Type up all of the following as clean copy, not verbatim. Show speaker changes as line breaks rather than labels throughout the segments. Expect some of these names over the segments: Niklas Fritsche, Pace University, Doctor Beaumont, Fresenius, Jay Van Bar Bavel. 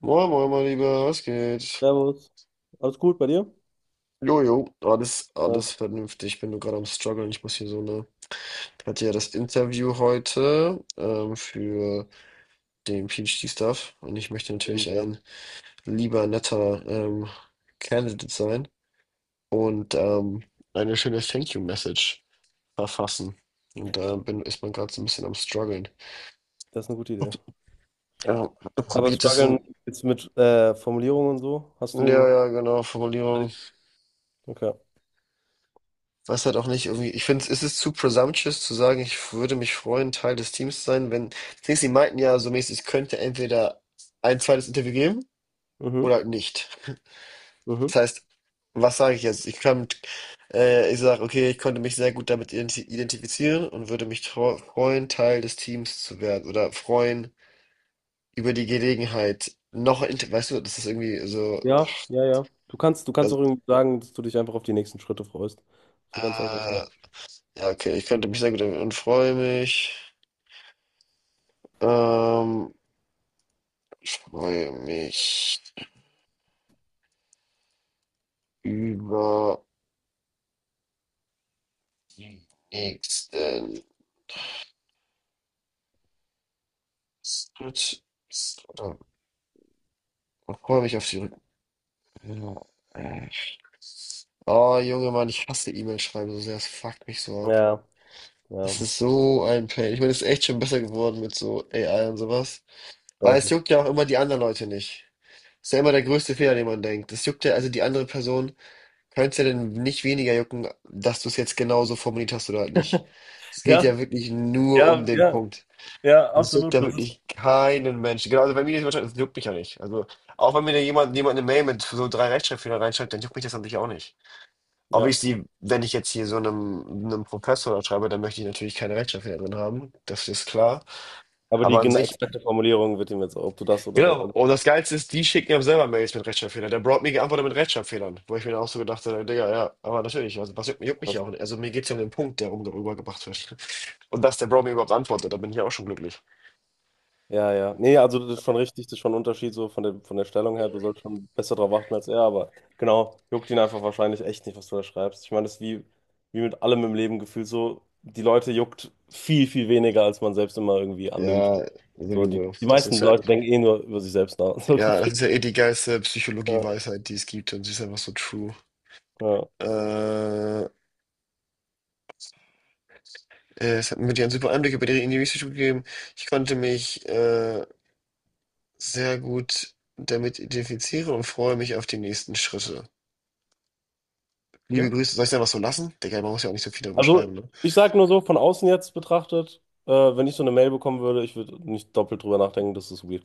Moin, moin, mein Lieber, was geht?
Servus. Alles gut bei dir?
Jojo, alles,
Ja,
vernünftig. Ich bin nur gerade am Struggeln. Ich muss hier so eine. Ich hatte ja das Interview heute für den PhD-Stuff und ich möchte
stimmt,
natürlich
ja.
ein lieber, netter Candidate sein und eine schöne Thank You-Message verfassen. Und ist man gerade so ein bisschen am Struggeln.
Das ist eine gute Idee.
Ja,
Aber
probiert es
strugglen
in.
jetzt mit Formulierungen und so, hast
Ja,
du.
ja, genau, Formulierung.
Okay.
Was halt auch nicht irgendwie, ich finde, es ist zu presumptuous zu sagen, ich würde mich freuen, Teil des Teams zu sein, wenn, das Ding ist, sie meinten ja so mäßig, es könnte entweder ein zweites Interview geben
Mhm.
oder halt nicht.
Mhm.
Das heißt, was sage ich jetzt? Ich sage, okay, ich konnte mich sehr gut damit identifizieren und würde mich freuen, Teil des Teams zu werden oder freuen über die Gelegenheit, noch, ein weißt du, das ist irgendwie so,
Ja, ja, ja. Du kannst
also,
auch irgendwie sagen, dass du dich einfach auf die nächsten Schritte freust. So ganz
äh,
allgemein.
ja, okay, ich könnte mich sehr gut damit und freue mich. Ähm, Freue mich über die nächsten. Stut- oder- Freue mich auf die Rücken. Ja. äh. Oh, Junge, Mann, ich hasse E-Mail schreiben so sehr. Das fuckt mich so ab.
Ja,
Das
ja,
ist so ein Pain. Ich meine, es ist echt schon besser geworden mit so AI und sowas. Weil es
deutlich.
juckt ja auch immer die anderen Leute nicht. Ist ja immer der größte Fehler, den man denkt. Es juckt ja, also die andere Person könnte es ja dann nicht weniger jucken, dass du es jetzt genauso formuliert hast oder halt nicht. Es geht
Ja,
ja wirklich nur um
ja,
den
ja,
Punkt.
ja,
Das juckt
absolut.
ja
Das ist.
wirklich keinen Menschen. Genau, also bei mir ist es, das juckt mich ja nicht. Also, auch wenn mir da jemand eine Mail mit so drei Rechtschreibfehler reinschreibt, dann juckt mich das natürlich auch nicht. Ob
Ja.
ich sie, wenn ich jetzt hier so einem Professor schreibe, dann möchte ich natürlich keine Rechtschreibfehler drin haben. Das ist klar.
Aber
Aber
die
an
genau
sich,
exakte Formulierung wird ihm jetzt, ob du das oder
genau.
das.
Und das Geilste ist, die schicken ja selber Mails mit Rechtschreibfehlern. Der Broad mir geantwortet mit Rechtschreibfehlern. Wo ich mir dann auch so gedacht habe, Digga, ja, aber natürlich, also, was juckt, juckt mich ja
Also
auch nicht. Also, mir geht's ja um den Punkt, der rübergebracht wird. Und dass der Bro mir überhaupt antwortet, da bin ich ja auch schon glücklich.
ja, ja. Nee, also das ist schon richtig, das ist schon ein Unterschied so von der Stellung her. Du sollst schon besser drauf achten als er, aber genau, juckt ihn einfach wahrscheinlich echt nicht, was du da schreibst. Ich meine, das ist wie, wie mit allem im Leben gefühlt so, die Leute juckt viel, viel weniger, als man selbst immer irgendwie annimmt.
Ja,
So, die,
sowieso.
die
Das ist
meisten
ja.
Leute denken eh nur über sich selbst nach, so
Ja, das ist
gefühlt.
ja eh die geilste
Ja,
Psychologie-Weisheit, die es gibt und sie ist einfach so true.
ja.
Äh, Es hat mir einen super Einblick über ihre Individuen gegeben. Ich konnte mich sehr gut damit identifizieren und freue mich auf die nächsten Schritte. Liebe
Ja.
Grüße, soll ich es einfach so lassen? Digga, man muss ja auch nicht so viel darüber
Also,
schreiben, ne?
ich sag nur so, von außen jetzt betrachtet, wenn ich so eine Mail bekommen würde, ich würde nicht doppelt drüber nachdenken, dass es weird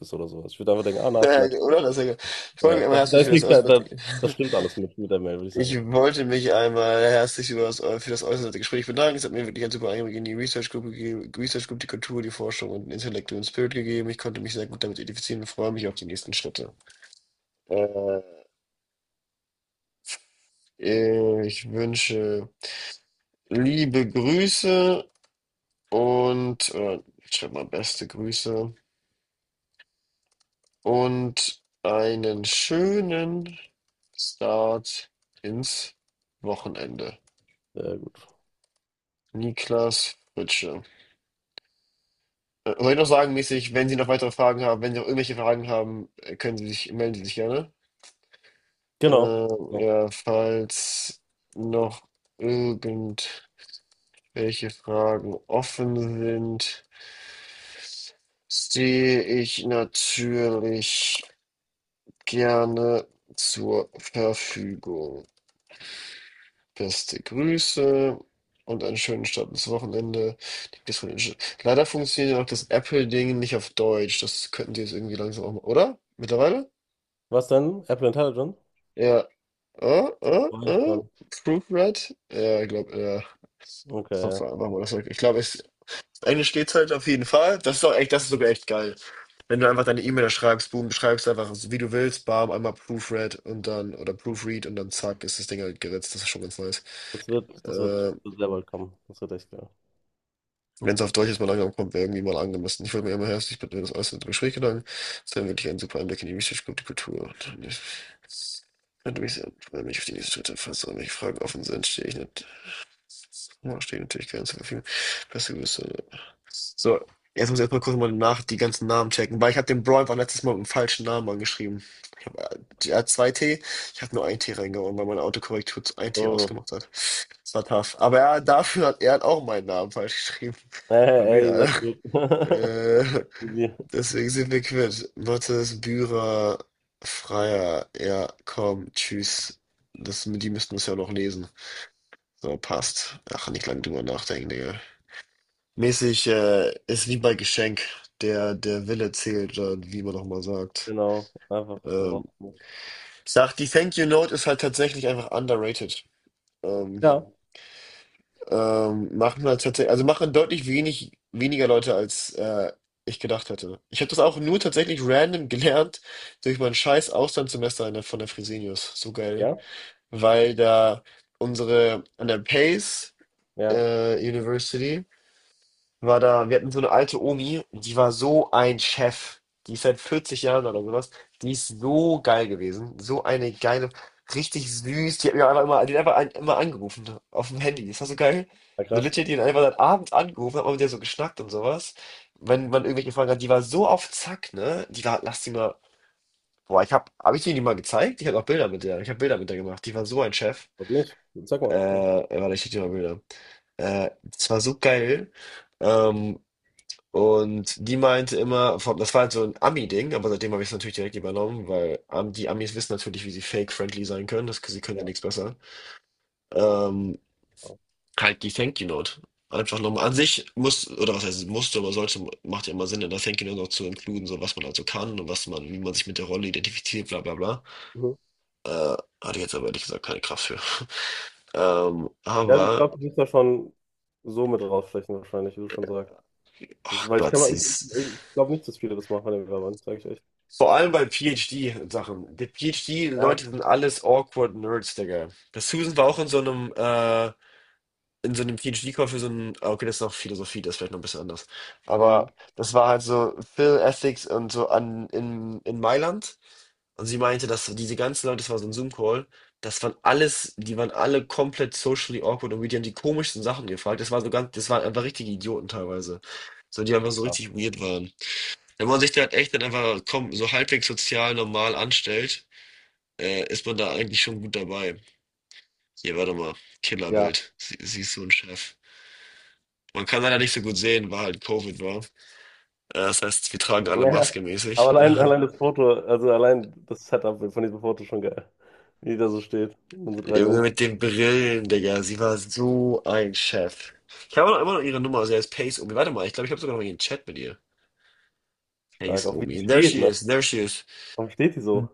ist oder sowas. Ich würde einfach denken, ah, nice,
Ja,
nice.
oder? Das ist ja geil. Ich freue
Ja,
mich aber
da, da
herzlich
ist
für das
nichts, da, da,
Auswärtige.
das stimmt alles mit der Mail, würde ich
Ich
sagen.
wollte mich einmal herzlich über das, für das äußerste Gespräch bedanken. Es hat mir wirklich einen super Einblick in die Research Group gegeben, Research Group, die Kultur, die Forschung und den intellektuellen Spirit gegeben. Ich konnte mich sehr gut damit identifizieren und freue mich auf die nächsten Schritte. Äh, Ich wünsche liebe Grüße und, ich schreibe mal beste Grüße und einen schönen Start ins Wochenende.
Ja, gut.
Niklas Fritsche. Soll ich noch sagen, mäßig, wenn Sie noch weitere Fragen haben, wenn Sie noch irgendwelche Fragen haben, können Sie sich, melden Sie sich gerne.
Genau. So.
Ja, falls noch irgendwelche Fragen offen sind, stehe ich natürlich gerne zur Verfügung. Beste Grüße und einen schönen Start ins Wochenende. Die Discord- leider funktioniert ja noch das Apple-Ding nicht auf Deutsch. Das könnten Sie jetzt irgendwie langsam auch mal, oder? Mittlerweile?
Was denn? Apple Intelligence?
Ja. Äh, äh,
Weiß ich gar
äh.
nicht.
Proofread? Ja, ich glaube, ja.
Okay, ja.
Software, machen wir das weg. Ich glaube, es- Englisch geht's halt auf jeden Fall. Das ist doch echt, das ist sogar echt geil. Wenn du einfach deine E-Mail da schreibst, boom, schreibst einfach, so wie du willst, bam, einmal Proofread und dann, oder Proofread und dann zack, ist das Ding halt geritzt. Das ist schon ganz nice.
Das wird, das wird,
Äh,
Sehr bald kommen. Das wird echt geil.
Wenn es auf Deutsch jetzt mal langsam kommt, wäre irgendwie mal angemessen. Ich wollte mir immer herzlich bitten, wenn das alles in Gespräch gelang. Es wäre wirklich ein super Einblick in die Wichtigkeit die Kultur. Und ich könnte mich, sehr- wenn ich auf die nächste Schritte fasse, wenn welche Fragen offen sind, stehe ich nicht. Ja, stehe ich natürlich gerne zur Verfügung. Beste Grüße. So, jetzt muss ich erstmal kurz mal nach die ganzen Namen checken, weil ich habe den Bro einfach letztes Mal mit dem falschen Namen angeschrieben. Ich habe, er hat zwei T, ich habe nur ein T reingehauen, weil meine Autokorrektur zu ein T
Mhm.
ausgemacht hat. Das war tough. Aber er, dafür hat er hat auch meinen Namen falsch geschrieben. Aber
Ey, ey,
ja,
sag gut.
äh, äh,
Die-
deswegen sind wir quitt. Mattes, Bührer, Freier, ja, komm, tschüss. Das, die müssten es ja noch lesen. So, passt. Ach, nicht lange drüber nachdenken, Digga. Mäßig, ist wie bei Geschenk. Der Wille zählt, oder wie man nochmal sagt.
Genau, einfach
Ähm,
raus damit.
Ich sag, die Thank You Note ist halt tatsächlich einfach underrated. Ähm,
Ja,
Machen halt tatsächlich, also machen deutlich wenig, weniger Leute, als ich gedacht hätte. Ich habe das auch nur tatsächlich random gelernt durch mein scheiß Auslandssemester in der, von der Fresenius. So geil.
ja,
Weil da unsere, an der Pace
ja.
University, war da, wir hatten so eine alte Omi, die war so ein Chef. Die ist seit 40 Jahren oder sowas. Die ist so geil gewesen. So eine geile, richtig süß. Die hat mir einfach immer, die hat einfach ein, immer angerufen auf dem Handy. Ist das so geil?
Na
So
krass.
legit, die hat einfach seit Abend angerufen, hat mal mit der so geschnackt und sowas. Wenn man irgendwelche Fragen hat, die war so auf Zack, ne? Die war, lass die mal. Boah, hab ich dir die mal gezeigt? Ich hab auch Bilder mit der. Ich hab Bilder mit der gemacht. Die war so ein Chef.
Warum nicht? Sag
Äh,
mal.
Warte, ich schick dir mal Bilder. Das war so geil. Ähm, und die meinte immer, vom, das war halt so ein Ami-Ding, aber seitdem habe ich es natürlich direkt übernommen, weil die Amis wissen natürlich, wie sie fake-friendly sein können, das, sie können ja
Ja.
nichts besser. Ähm,
Ja.
halt die Thank You Note. Einfach nochmal an sich muss, oder was heißt, musste oder sollte, macht ja immer Sinn, in der Thank You Note noch zu inkluden, so was man also kann und was man, wie man sich mit der Rolle identifiziert, bla bla bla.
Mhm.
Äh, Hatte ich jetzt aber ehrlich gesagt keine Kraft für.
Ja, ich
Aber,
glaube, du bist da schon so mit rausstechen wahrscheinlich, wie du schon sagst. Das,
ach
weil ich
Gott,
kann mal,
sie
ich,
ist.
ich glaube nicht, dass viele das machen, wenn wir wollen, sage ich echt.
Vor allem bei PhD-Sachen. Die
Ja.
PhD-Leute sind alles awkward Nerds, Digga. Das Susan war auch in so einem PhD-Call für so einen, ah, okay, das ist noch Philosophie, das ist vielleicht noch ein bisschen anders.
Mhm.
Aber das war halt so Phil Ethics und so in Mailand. Und sie meinte, dass diese ganzen Leute, das war so ein Zoom-Call, das waren alles, die waren alle komplett socially awkward und die haben die komischsten Sachen gefragt. Das war so ganz, das waren einfach richtige Idioten teilweise. So, die einfach so
Ja.
richtig weird waren. Wenn man sich da halt echt dann einfach komm, so halbwegs sozial normal anstellt, ist man da eigentlich schon gut dabei. Hier, warte mal,
Ja.
Killerbild. Sie, siehst du einen Chef. Man kann leider nicht so gut sehen, weil halt Covid war. Das heißt, wir tragen alle Maske
Aber
mäßig.
allein, allein das Foto, also allein das Setup von diesem Foto ist schon geil. Wie die da so steht. Unsere drei
Junge
Jungs.
mit den Brillen, Digga, sie war so ein Chef. Ich habe noch immer noch ihre Nummer, also er ist Pace Omi. Warte mal, ich glaube, ich habe sogar noch ihren Chat mit ihr.
Stark.
Pace
Auch wie die
Omi. There
steht,
she
ne?
is, there she is.
Warum steht die so?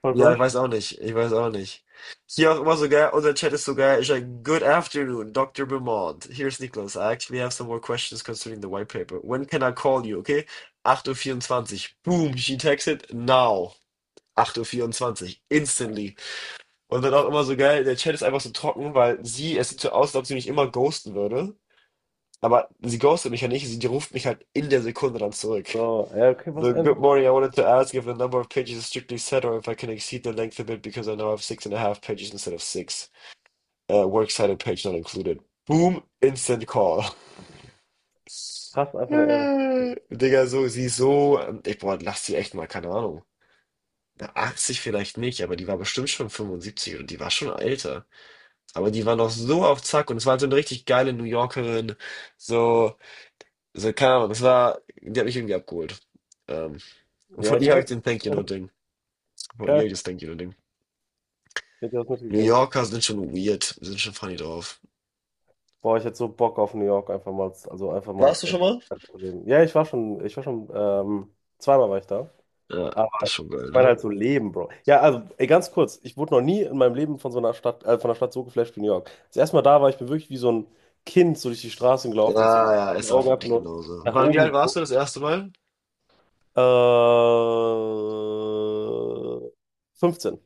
Voll
Ja, ich
fresh.
weiß auch nicht. Ich weiß auch nicht. Hier auch immer so geil. Unser Chat ist so geil. Ich sage, good afternoon, Doctor Beaumont. Here's Nicholas. I actually have some more questions concerning the white paper. When can I call you? Okay? 8:24 Uhr. Vierundzwanzig. Boom, she texted now. 8:24 Uhr. Vierundzwanzig. Instantly. Und dann auch immer so geil. Der Chat ist einfach so trocken, weil sie, es sieht so aus, als ob sie mich immer ghosten würde. Aber sie ghostet mich ja nicht. Sie ruft mich halt in der Sekunde dann zurück.
So, ja, okay, was
So,
einfach.
good morning. I wanted to ask if the number of pages is strictly set or if I can exceed the length of it because I now have six and a half pages instead of six. Works cited page not included. Boom, instant call.
Krass, einfach eine Ehre.
Digga, so, sie ist so, ich, boah, lass sie echt mal, keine Ahnung. Na, 80 vielleicht nicht, aber die war bestimmt schon 75 oder die war schon älter. Aber die war noch so auf Zack und es war halt so eine richtig geile New Yorkerin. So, keine Ahnung, es war, die hat mich irgendwie abgeholt. Ähm, und
Ja,
von
ich
ihr habe ich
merke.
den Thank You Note. Von ihr hab
Geil.
ich das Denken Ding.
Ich hätte das
New
mitgegeben.
Yorker sind schon weird, sind schon funny drauf.
Boah, ich hätte so Bock auf New York einfach mal. Also einfach mal
Warst du
echt
schon mal?
zu leben. Ja, zweimal war ich da.
Ja,
Aber
das ist
ich
schon geil,
meine
ne?
halt so Leben, Bro. Ja, also, ey, ganz kurz, ich wurde noch nie in meinem Leben von so einer Stadt, von einer Stadt so geflasht wie New York. Als ich erstmal da war, ich bin wirklich wie so ein Kind so durch die Straßen gelaufen, mit so
Ja, ja,
den
ist auch
Augen einfach
wirklich
nur
genauso.
nach
Wann, wie
oben
alt warst
geguckt.
du das erste Mal?
Äh, 15,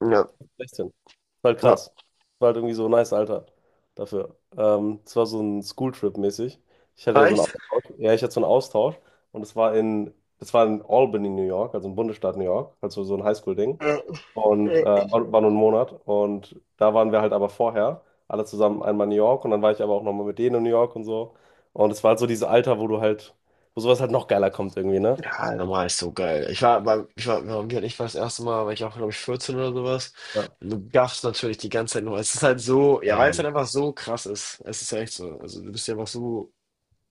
Ja.
16 war halt
Ja.
krass. War halt irgendwie so ein nice Alter dafür. Es war so ein Schooltrip-mäßig. Ich hatte ja so einen
Echt?
Austausch. Ja, ich hatte so einen Austausch und es war in Albany, New York, also im Bundesstaat New York, also so ein Highschool-Ding.
Ja,
Und
ja.
war nur ein Monat. Und da waren wir halt aber vorher alle zusammen einmal in New York und dann war ich aber auch nochmal mit denen in New York und so. Und es war halt so dieses Alter, wo du halt, wo sowas halt noch geiler kommt irgendwie, ne?
Ja, normal ist so geil. Ich war beim, ich war, warum geht ich war das erste Mal, war ich auch, glaube ich, 14 oder sowas.
Ja,
Und du gaffst natürlich die ganze Zeit nur. Es ist halt so, ja,
ja,
weil es
Mann.
halt einfach so krass ist. Es ist ja echt so. Also du bist ja einfach so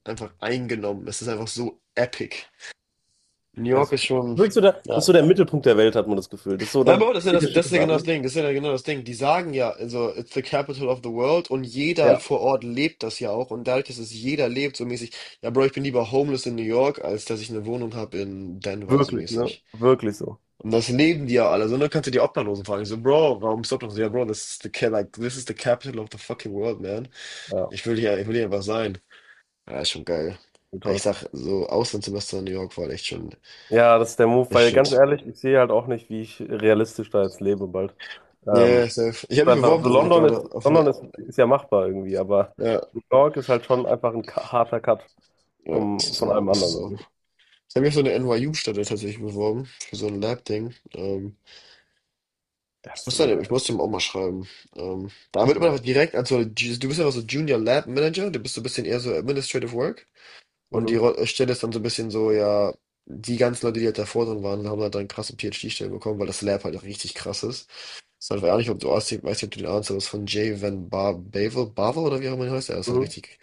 einfach eingenommen. Es ist einfach so epic. New York
Das, das
ist
ist
schon,
wirklich so der, das ist
ja.
so der Mittelpunkt der Welt, hat man das Gefühl. Das ist so,
Ja,
da
aber das ist ja,
geht der
das ist
Shit
ja
ab,
genau das
ne?
Ding. Das ist ja genau das Ding. Die sagen ja, also, it's the capital of the world und jeder
Ja.
halt vor Ort lebt das ja auch. Und dadurch, dass es jeder lebt, so mäßig, ja, Bro, ich bin lieber homeless in New York, als dass ich eine Wohnung habe in Denver, so
Wirklich, ne?
mäßig.
Wirklich so.
Und das leben die ja alle. So, dann kannst du die Obdachlosen fragen. Ich so, Bro, warum bist du obdachlos? Ja, Bro, this is the capital of the fucking world, man.
Ja,
Ich will hier einfach sein. Ja, ist schon geil. Ja, ich
total.
sag, so Auslandssemester in New York war echt schon
Ja, das ist der Move,
der
weil ganz
Shit.
ehrlich, ich sehe halt auch nicht, wie ich realistisch da jetzt lebe bald.
Ja,
Ähm,
yeah, safe. Ich habe
ist
mich
einfach,
beworben
also
tatsächlich gerade auf
London
eine.
ist, ist ja machbar irgendwie, aber
Ja.
New York ist halt schon einfach ein ka- harter Cut
Ja, ist
vom,
es
von
auch,
allem
ist es
anderen,
auch.
ne?
Ich habe mich auf so eine NYU-Stelle tatsächlich beworben, für so ein Lab-Ding.
Ja, das ist ja so
Ich
geil.
muss dem auch mal schreiben. Da wird man
Ja.
einfach direkt, also du bist einfach so Junior Lab Manager, du bist so ein bisschen eher so Administrative Work. Und die
Mhm,
Stelle ist dann so ein bisschen so, ja, die ganzen Leute, die halt davor drin waren, haben halt dann krasse PhD-Stellen bekommen, weil das Lab halt richtig krass ist. Das ist halt, weiß nicht, ob du weißt, ich weiß nicht, ob du den Ahnung hast, aber es ist von Jay Van Bar Bavel, Bavel oder wie auch immer der heißt, er ist halt
mhm.
richtig,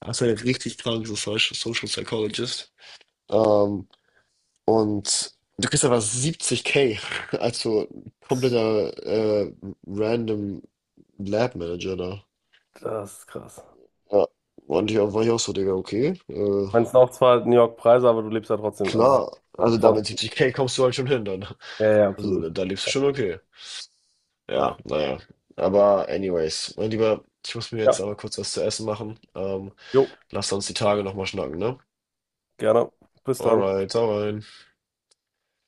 er ist halt ein richtig krankes Social Psychologist. Ähm, Und du kriegst aber 70k als so kompletter äh, random Lab Manager da.
Das ist krass. Ich
Ja, und ich, war ich auch so, Digga, okay,
meine, es sind auch zwar New York Preise, aber du lebst ja trotzdem. Also
klar.
es ist
Also
trotz.
damit 70k kommst du halt schon hin dann.
Ja, ja,
Also da,
absolut.
da lebst du schon okay. Ja,
Absolut.
naja. Aber anyways, mein Lieber, ich muss mir
Ja,
jetzt aber kurz was zu essen machen.
jo,
Lass uns die Tage nochmal schnacken, ne?
gerne. Bis dann.
Alright, hau rein.